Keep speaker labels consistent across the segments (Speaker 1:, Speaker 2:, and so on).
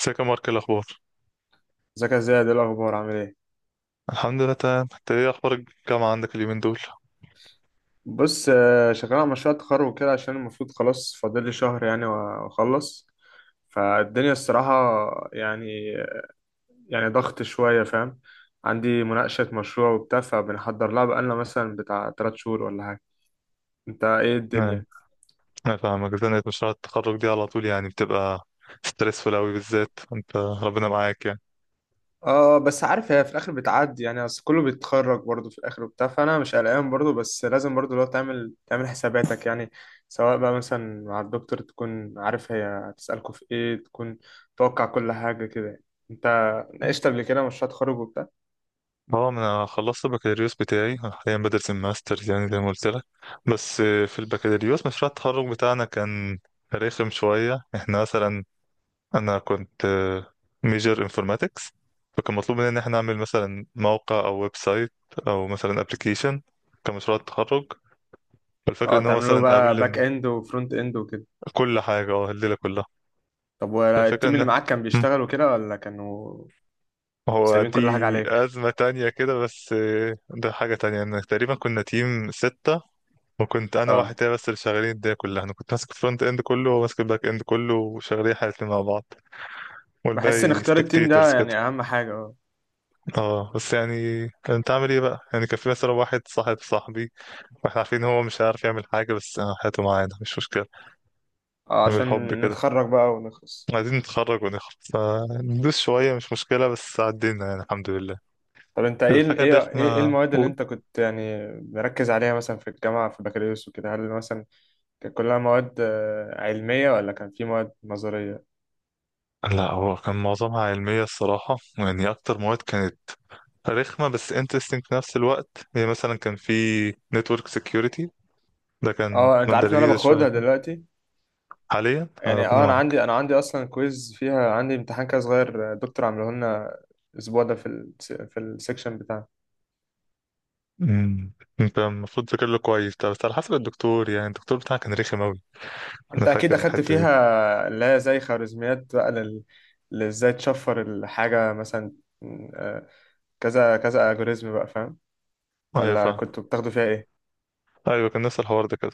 Speaker 1: ازيك يا مارك؟ إيه الاخبار؟
Speaker 2: ازيك يا زياد، ايه الاخبار؟ عامل ايه؟
Speaker 1: الحمد لله تمام. انت ايه اخبار الجامعه عندك اليومين دول؟
Speaker 2: بص شغال على مشروع التخرج وكده، عشان المفروض خلاص فاضل لي شهر يعني واخلص. فالدنيا الصراحه يعني يعني ضغط شويه، فاهم؟ عندي مناقشه مشروع وبتاع، فبنحضر لها بقالنا مثلا بتاع 3 شهور ولا حاجه. انت ايه
Speaker 1: نعم.
Speaker 2: الدنيا؟
Speaker 1: انا فاهمك، زنقة مشروع التخرج دي على طول يعني بتبقى ستريسفول قوي، بالذات انت، ربنا معاك يعني.
Speaker 2: اه بس عارف، هي في الاخر بتعدي يعني، اصل كله بيتخرج برضه في الاخر وبتاع. فانا مش قلقان برضه، بس لازم برضه لو تعمل حساباتك يعني. سواء بقى مثلا مع الدكتور تكون عارف هي هتسألكوا في ايه، تكون توقع كل حاجة كده يعني. انت ناقشت قبل كده مشروع تخرج وبتاع؟
Speaker 1: اه، انا خلصت البكالوريوس بتاعي. أنا حاليا بدرس الماسترز يعني زي ما قلت لك. بس في البكالوريوس مشروع التخرج بتاعنا كان رخم شويه، احنا مثلا، انا كنت ميجر انفورماتكس. فكان مطلوب مننا ان احنا نعمل مثلا موقع او ويب سايت، او مثلا ابلكيشن، كمشروع تخرج. فالفكرة
Speaker 2: اه،
Speaker 1: ان هو
Speaker 2: تعملوا
Speaker 1: مثلا
Speaker 2: بقى باك اند وفرونت اند وكده.
Speaker 1: كل حاجة، اه، الليلة كلها.
Speaker 2: طب
Speaker 1: فالفكرة
Speaker 2: والتيم اللي
Speaker 1: ان
Speaker 2: معاك كان
Speaker 1: مم.
Speaker 2: بيشتغلوا كده ولا كانوا
Speaker 1: هو
Speaker 2: سايبين
Speaker 1: دي
Speaker 2: كل حاجة عليك؟
Speaker 1: أزمة تانية كده. بس ده حاجة تانية ان تقريبا كنا تيم ستة، وكنت انا واحد
Speaker 2: اه،
Speaker 1: تاني بس اللي شغالين الدنيا كلها. انا كنت ماسك الفرونت اند كله وهو ماسك الباك اند كله وشغالين احنا الاتنين مع بعض.
Speaker 2: بحس ان
Speaker 1: والباقي
Speaker 2: اختيار التيم ده
Speaker 1: سبكتيتورز
Speaker 2: يعني
Speaker 1: كده.
Speaker 2: اهم حاجة، اه.
Speaker 1: اه بس يعني، انت عامل ايه بقى؟ يعني كان في مثلا واحد صاحب صاحبي، واحنا عارفين هو مش هيعرف يعمل حاجة، بس هاته معانا مش مشكلة. من الحب
Speaker 2: عشان
Speaker 1: كده.
Speaker 2: نتخرج بقى ونخلص.
Speaker 1: عايزين نتخرج ونخرج، فندوس شوية مش مشكلة، بس عدينا يعني الحمد لله.
Speaker 2: طب انت ايه ال-
Speaker 1: الحاجة
Speaker 2: ايه ايه إيه
Speaker 1: الرخمة
Speaker 2: المواد اللي
Speaker 1: قول.
Speaker 2: انت كنت يعني مركز عليها مثلا في الجامعه في بكالوريوس وكده؟ هل مثلا كانت كلها مواد علميه، ولا كان في مواد نظريه؟
Speaker 1: لا، هو كان معظمها علمية الصراحة يعني. أكتر مواد كانت رخمة بس interesting في نفس الوقت. هي مثلا كان في network security، ده كان
Speaker 2: اه، انت
Speaker 1: مادة
Speaker 2: عارف ان انا
Speaker 1: جديدة شوية
Speaker 2: باخدها
Speaker 1: كده.
Speaker 2: دلوقتي
Speaker 1: حاليا
Speaker 2: يعني.
Speaker 1: ربنا
Speaker 2: اه، انا
Speaker 1: معاك.
Speaker 2: عندي انا عندي اصلا كويز فيها، عندي امتحان كده صغير، دكتور عامله لنا الاسبوع ده في في السكشن بتاعنا.
Speaker 1: مم. انت المفروض تذاكر له كويس ده، بس على حسب الدكتور يعني. الدكتور بتاعك كان رخم أوي؟ أنا
Speaker 2: انت اكيد
Speaker 1: فاكر
Speaker 2: اخدت
Speaker 1: الحتة دي.
Speaker 2: فيها اللي هي زي خوارزميات بقى، لل ازاي تشفر الحاجه مثلا. آه، كذا كذا الجوريزم بقى، فاهم؟
Speaker 1: أيوة،
Speaker 2: ولا
Speaker 1: فاهم.
Speaker 2: كنتوا بتاخدوا فيها ايه؟
Speaker 1: أيوة، كان نفس الحوار ده كده.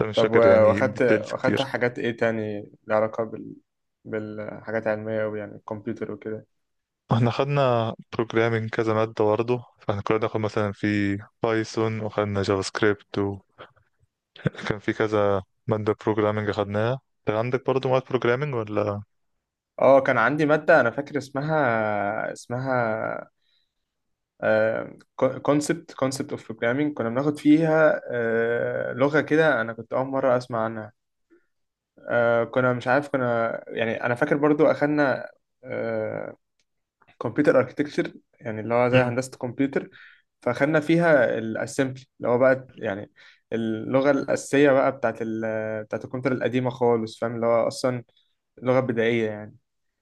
Speaker 1: أنا مش
Speaker 2: طب
Speaker 1: فاكر يعني
Speaker 2: واخدت
Speaker 1: details
Speaker 2: واخدت
Speaker 1: كتير.
Speaker 2: حاجات ايه تاني لها علاقة بال بالحاجات العلمية أوي، يعني الكمبيوتر وكده؟
Speaker 1: احنا خدنا بروجرامينج كذا مادة برضه، فاحنا كنا بناخد مثلا في بايثون، وخدنا جافا سكريبت، وكان في كذا مادة بروجرامينج خدناها. انت عندك برضه مواد بروجرامينج ولا؟
Speaker 2: اه، كان عندي مادة، أنا فاكر اسمها كونسبت اوف بروجرامينج. كنا بناخد فيها لغة كده، أنا كنت أول مرة أسمع عنها، كنا مش عارف. يعني أنا فاكر برضو أخدنا آه، كمبيوتر اركتكتشر، يعني اللي هو زي
Speaker 1: مم.
Speaker 2: هندسة كمبيوتر. فاخدنا فيها الاسمبلي اللي هو بقى يعني اللغة الأساسية بقى بتاعت ال بتاعت الكمبيوتر القديمة خالص، فاهم؟ اللي هو أصلا لغة بدائية يعني.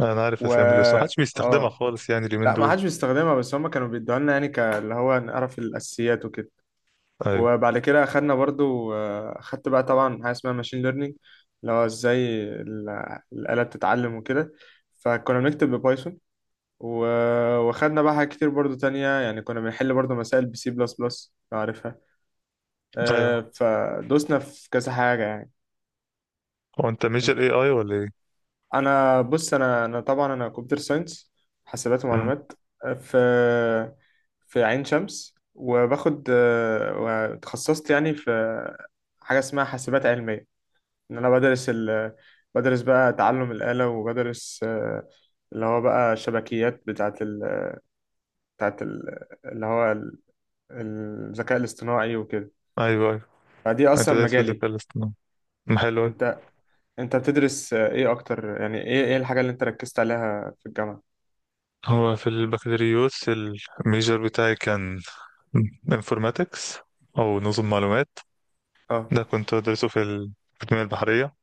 Speaker 1: انا عارف
Speaker 2: و
Speaker 1: اسامبلي، بس محدش بيستخدمها
Speaker 2: اه،
Speaker 1: خالص يعني اليومين
Speaker 2: لا ما
Speaker 1: دول.
Speaker 2: حدش بيستخدمها، بس هما كانوا بيدوها لنا يعني، اللي هو نعرف الأساسيات وكده.
Speaker 1: ايوه،
Speaker 2: وبعد كده أخدنا برضو، أخدت بقى طبعا حاجة اسمها ماشين ليرنينج، اللي هو ازاي الآلة بتتعلم وكده. فكنا بنكتب ببايثون و... وخدنا بقى حاجات كتير برضو تانية يعني، كنا بنحل برضو مسائل بسي بلس بلس لو عارفها.
Speaker 1: ايوه.
Speaker 2: فدوسنا في كذا حاجة يعني.
Speaker 1: هو انت ميجر
Speaker 2: أنت-
Speaker 1: اي اي ولا ايه؟
Speaker 2: أنا بص، أنا طبعا أنا كمبيوتر ساينس، حاسبات
Speaker 1: امم
Speaker 2: ومعلومات، آه، في في عين شمس. وباخد، وتخصصت يعني في حاجة اسمها حاسبات علمية. إن أنا بدرس ال... بدرس بقى تعلم الآلة، وبدرس اللي هو بقى شبكيات بتاعت اللي هو الذكاء الاصطناعي وكده.
Speaker 1: ايوه، ايوه.
Speaker 2: فدي
Speaker 1: انت
Speaker 2: اصلا
Speaker 1: دايس في
Speaker 2: مجالي.
Speaker 1: الذكاء الاصطناعي؟ حلو أوي.
Speaker 2: انت انت بتدرس ايه اكتر يعني؟ ايه الحاجه اللي انت ركزت عليها في الجامعه؟
Speaker 1: هو في البكالوريوس الميجر بتاعي كان انفورماتكس، او نظم معلومات.
Speaker 2: اه،
Speaker 1: ده كنت بدرسه في التنمية البحرية،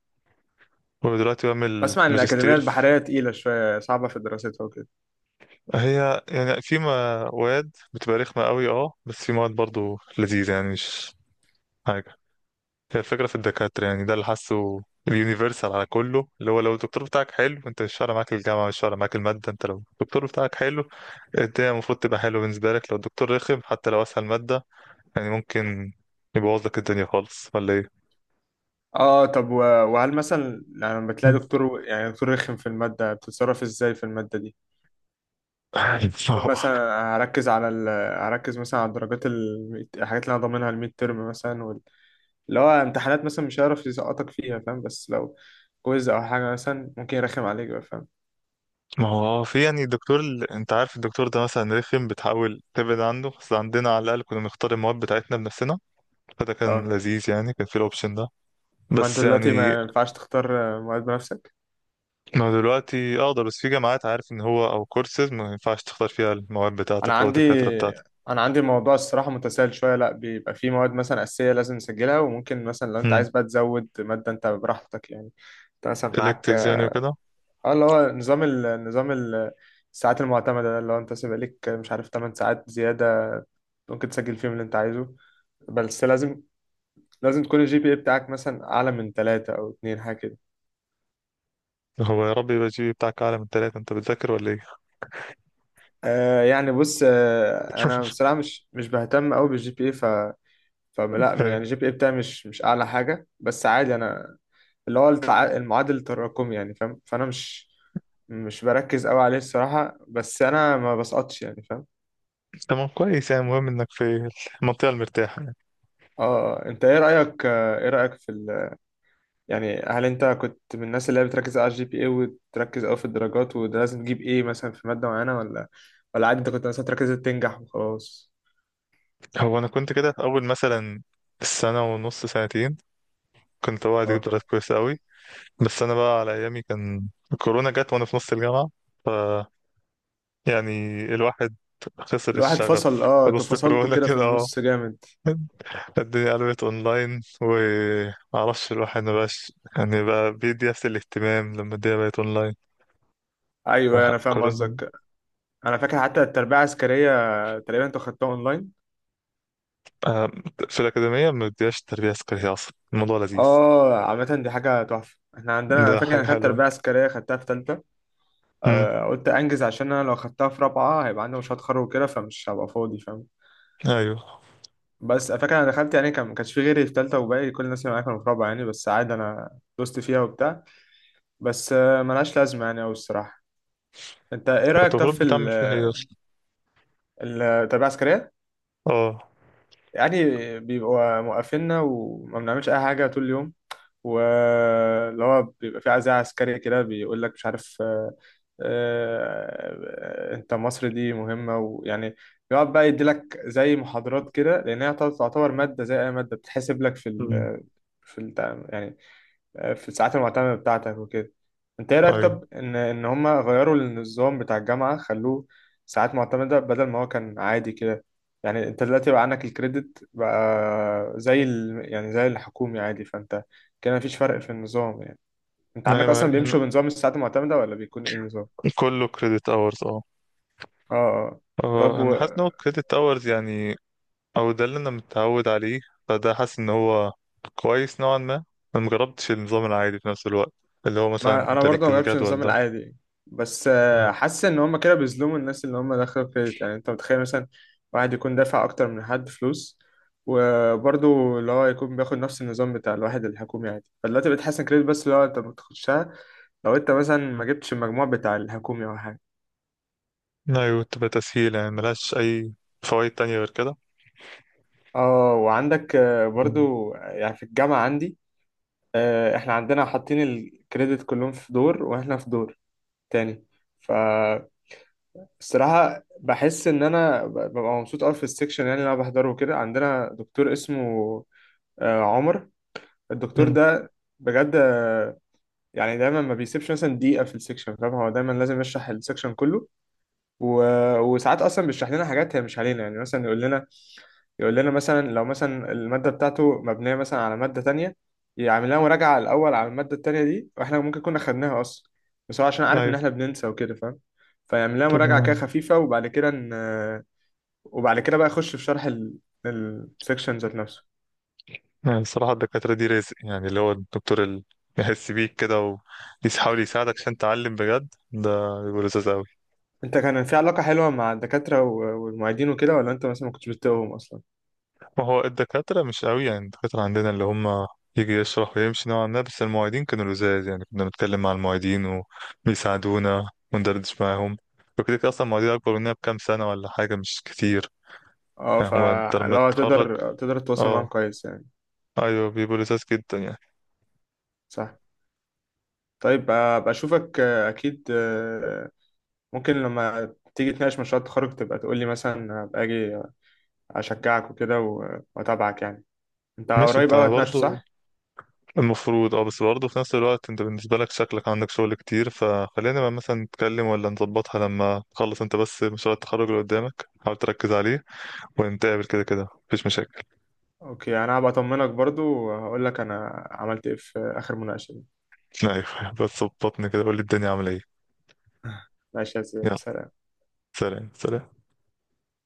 Speaker 1: ودلوقتي بعمل
Speaker 2: بسمع ان الاكاديميه
Speaker 1: ماجستير في...
Speaker 2: البحريه تقيله شويه، صعبه في دراستها وكده.
Speaker 1: هي يعني في مواد بتبقى رخمة قوي، اه بس في مواد برضو لذيذة يعني، مش حاجة. هي الفكرة في الدكاترة يعني، ده اللي حاسه. اليونيفرسال على كله، اللي هو لو الدكتور بتاعك حلو، انت مش فارق معاك الجامعة، مش فارق معاك المادة. انت لو الدكتور بتاعك حلو، الدنيا المفروض تبقى حلوة بالنسبة لك. لو الدكتور رخم، حتى لو أسهل مادة، يعني ممكن يبوظ لك الدنيا خالص، ولا ايه؟
Speaker 2: اه طب وهل مثلا لما بتلاقي
Speaker 1: مم.
Speaker 2: دكتور، يعني دكتور رخم في الماده، بتتصرف ازاي في الماده دي؟ بتقول
Speaker 1: صح.
Speaker 2: مثلا هركز على ال... هركز مثلا على الدرجات ال... الحاجات اللي انا ضامنها، الميد ترم مثلا وال... اللي هو امتحانات مثلا مش هيعرف يسقطك فيها، فاهم؟ بس لو كويز او حاجه مثلا ممكن يرخم عليك بقى، فاهم؟
Speaker 1: ما هو في يعني دكتور انت عارف الدكتور ده مثلا رخم، بتحاول تبعد عنه. بس عندنا على الاقل كنا بنختار المواد بتاعتنا بنفسنا، فده كان
Speaker 2: اه،
Speaker 1: لذيذ يعني، كان في الاوبشن ده.
Speaker 2: ما انت
Speaker 1: بس
Speaker 2: دلوقتي
Speaker 1: يعني،
Speaker 2: ما ينفعش تختار مواد بنفسك.
Speaker 1: ما هو دلوقتي اقدر، بس في جامعات عارف ان هو او كورسز ما ينفعش تختار فيها المواد
Speaker 2: انا
Speaker 1: بتاعتك او
Speaker 2: عندي
Speaker 1: الدكاتره بتاعتك.
Speaker 2: انا عندي الموضوع الصراحه متسائل شويه. لا، بيبقى في مواد مثلا اساسيه لازم نسجلها، وممكن مثلا لو انت
Speaker 1: امم
Speaker 2: عايز بقى تزود ماده انت براحتك يعني. انت مثلا معاك،
Speaker 1: electives يعني وكده.
Speaker 2: اه، اللي هو نظام ال... نظام ال... الساعات المعتمده ده، اللي هو انت سيبقى ليك مش عارف 8 ساعات زياده، ممكن تسجل فيهم اللي انت عايزه. بس لازم تكون الجي بي اي بتاعك مثلا اعلى من 3 او 2، حاجه كده.
Speaker 1: هو يا رب يبقى الجي بي بتاعك اعلى من ثلاثة. انت بتذاكر ولا ايه؟
Speaker 2: آه يعني، بص آه انا بصراحه مش بهتم قوي بالجي بي اي. فلا يعني،
Speaker 1: ايوه،
Speaker 2: الجي بي اي بتاعي مش اعلى حاجه، بس عادي انا. اللي هو التع... المعادل التراكمي يعني، فاهم؟ فانا مش بركز قوي عليه الصراحه، بس انا ما بسقطش يعني، فاهم؟
Speaker 1: تمام كويس يعني، المهم انك في المنطقه المرتاحه يعني.
Speaker 2: اه، انت ايه رايك، ايه رايك في ال... يعني هل انت كنت من الناس اللي هي بتركز على الجي بي اي وتركز قوي في الدرجات، وده لازم تجيب ايه مثلا في ماده معينه؟ ولا عادي انت كنت مثلا تركز تنجح وخلاص؟
Speaker 1: هو انا كنت كده في اول مثلا السنه ونص، سنتين كنت، هو
Speaker 2: اه،
Speaker 1: هتجيب درجات كويسة أوي. بس أنا بقى على أيامي كان الكورونا جت وأنا في نص الجامعة. ف يعني الواحد خسر
Speaker 2: الواحد
Speaker 1: الشغف.
Speaker 2: فصل.
Speaker 1: في
Speaker 2: اه، انتوا
Speaker 1: نص
Speaker 2: فصلتوا
Speaker 1: كورونا
Speaker 2: كده في
Speaker 1: كده اه.
Speaker 2: النص جامد.
Speaker 1: الدنيا قلبت اونلاين ومعرفش، الواحد مبقاش يعني بقى بيدي نفس الاهتمام لما الدنيا بقت اونلاين.
Speaker 2: ايوه انا
Speaker 1: آه،
Speaker 2: فاهم
Speaker 1: كورونا.
Speaker 2: قصدك. انا فاكر حتى التربية العسكرية تقريبا انتوا خدتوها اونلاين.
Speaker 1: آه، في الأكاديمية ما بتديهاش تربية عسكرية أصلا، الموضوع لذيذ.
Speaker 2: اه، عامة دي حاجة تحفة. احنا عندنا، انا
Speaker 1: ده
Speaker 2: فاكر انا
Speaker 1: حاجة
Speaker 2: خدت
Speaker 1: حلوة.
Speaker 2: تربية عسكرية، خدتها في تالتة.
Speaker 1: امم
Speaker 2: آه قلت انجز، عشان انا لو خدتها في رابعة هيبقى عندي مشروع تخرج وكده، فمش هبقى فاضي، فاهم؟
Speaker 1: أيوه.
Speaker 2: بس أنا فاكر انا دخلت يعني، كان ما كانش في غيري في تالتة، وباقي كل الناس اللي معايا كانوا في رابعة يعني، بس عادي انا دوست فيها وبتاع. بس آه ملهاش لازمة يعني أوي الصراحة. انت ايه
Speaker 1: وأنت
Speaker 2: رأيك طب
Speaker 1: المفروض
Speaker 2: في
Speaker 1: بتعمل فيها إيه أصلا؟
Speaker 2: التربية العسكرية؟
Speaker 1: اه.
Speaker 2: يعني بيبقوا موقفيننا وما بنعملش اي حاجة طول اليوم، واللي هو بيبقى في عزاء عسكري كده بيقول لك مش عارف، انت مصر دي مهمة ويعني، بيقعد بقى يدي لك زي محاضرات كده، لأن هي تعتبر مادة زي أي مادة بتتحسب لك في
Speaker 1: امم
Speaker 2: ال يعني في الساعات المعتمدة بتاعتك وكده. انت ايه رأيك
Speaker 1: أيوه.
Speaker 2: طب ان هما غيروا النظام بتاع الجامعة، خلوه ساعات معتمدة بدل ما هو كان عادي كده؟ يعني انت دلوقتي بقى عندك الكريدت بقى زي ال... يعني زي الحكومي عادي. فانت كده مفيش فرق في النظام يعني. انت
Speaker 1: ما
Speaker 2: عندك اصلا
Speaker 1: هي
Speaker 2: بيمشوا بنظام الساعات المعتمدة، ولا بيكون ايه النظام؟
Speaker 1: كله كريدت اورز اه.
Speaker 2: اه، اه، طب
Speaker 1: انا
Speaker 2: و...
Speaker 1: حاسس ان هو كريدت اورز يعني. او ده اللي انا متعود عليه، فده حاسس ان هو كويس نوعا ما. انا مجربتش النظام العادي في نفس الوقت، اللي هو مثلا
Speaker 2: ما انا
Speaker 1: انت
Speaker 2: برضه
Speaker 1: ليك
Speaker 2: ما جربتش
Speaker 1: الجدول
Speaker 2: النظام
Speaker 1: ده.
Speaker 2: العادي، بس
Speaker 1: مم.
Speaker 2: حاسس ان هم كده بيظلموا الناس اللي هم داخله كريدت يعني. انت متخيل مثلا واحد يكون دافع اكتر من حد فلوس، وبرضه اللي هو يكون بياخد نفس النظام بتاع الواحد الحكومي عادي؟ فدلوقتي بتحسن كريدت، بس اللي هو انت بتخشها لو انت مثلا ما جبتش المجموع بتاع الحكومي او حاجه.
Speaker 1: ايوه، تبقى تسهيل يعني، ملهاش اي فوائد تانية غير كده.
Speaker 2: اه، وعندك
Speaker 1: مم.
Speaker 2: برضو يعني في الجامعة عندي، احنا عندنا حاطين الكريدت كلهم في دور، واحنا في دور تاني. ف الصراحة بحس إن أنا ببقى مبسوط أوي في السكشن يعني، اللي أنا بحضره وكده. عندنا دكتور اسمه عمر. الدكتور
Speaker 1: امم
Speaker 2: ده بجد يعني دايما ما بيسيبش مثلا دقيقة في السكشن، فاهم؟ هو دايما لازم يشرح السكشن كله، و... وساعات أصلا بيشرح لنا حاجات هي مش علينا يعني. مثلا يقول لنا مثلا لو مثلا المادة بتاعته مبنية مثلا على مادة تانية، يعمل لنا مراجعة الأول على المادة التانية دي، وإحنا ممكن كنا خدناها أصلا، بس هو عشان عارف إن
Speaker 1: ايوه.
Speaker 2: إحنا بننسى وكده، فاهم؟ فيعمل لنا
Speaker 1: طب
Speaker 2: مراجعة كده خفيفة، وبعد كده ن... وبعد كده بقى اخش في شرح السكشن ذات نفسه.
Speaker 1: يعني الصراحة الدكاترة دي رزق يعني، اللي هو الدكتور اللي يحس بيك كده ويحاول يساعدك عشان تعلم بجد، ده بيبقى لذيذ أوي.
Speaker 2: انت كان في علاقة حلوة مع الدكاترة والمعيدين وكده، ولا انت مثلا ما كنتش بتتقهم اصلا؟
Speaker 1: ما هو الدكاترة مش قوي يعني، الدكاترة عندنا اللي هم يجي يشرح ويمشي نوعا ما. بس المعيدين كانوا لزاز يعني، كنا بنتكلم مع المعيدين وبيساعدونا وندردش معاهم وكده. كده أصلا المعيدين أكبر مننا بكام سنة ولا حاجة، مش كتير.
Speaker 2: اه،
Speaker 1: يعني هو أنت لما
Speaker 2: فلو
Speaker 1: تتخرج،
Speaker 2: تقدر تتواصل معاهم
Speaker 1: اه،
Speaker 2: كويس يعني.
Speaker 1: أيوه بيبقوا لزاز جدا يعني.
Speaker 2: صح. طيب ابقى اشوفك، اكيد ممكن لما تيجي تناقش مشروع التخرج تبقى تقول لي، مثلا ابقى اجي اشجعك وكده واتابعك يعني. انت
Speaker 1: ماشي،
Speaker 2: قريب
Speaker 1: أنت
Speaker 2: قوي هتناقشه
Speaker 1: برضه
Speaker 2: صح؟
Speaker 1: المفروض اه، بس برضه في نفس الوقت أنت بالنسبة لك شكلك عندك شغل كتير، فخلينا بقى مثلا نتكلم، ولا نظبطها لما تخلص أنت بس مشروع التخرج اللي قدامك حاول تركز عليه، ونتقابل كده. كده مفيش مشاكل.
Speaker 2: اوكي، انا هبقى اطمنك برضو وهقول لك انا عملت ايه في اخر مناقشة دي.
Speaker 1: ايوه بس بطني كده، قول لي الدنيا عامله ايه.
Speaker 2: ماشي يا سيدي،
Speaker 1: يلا،
Speaker 2: سلام.
Speaker 1: سلام سلام.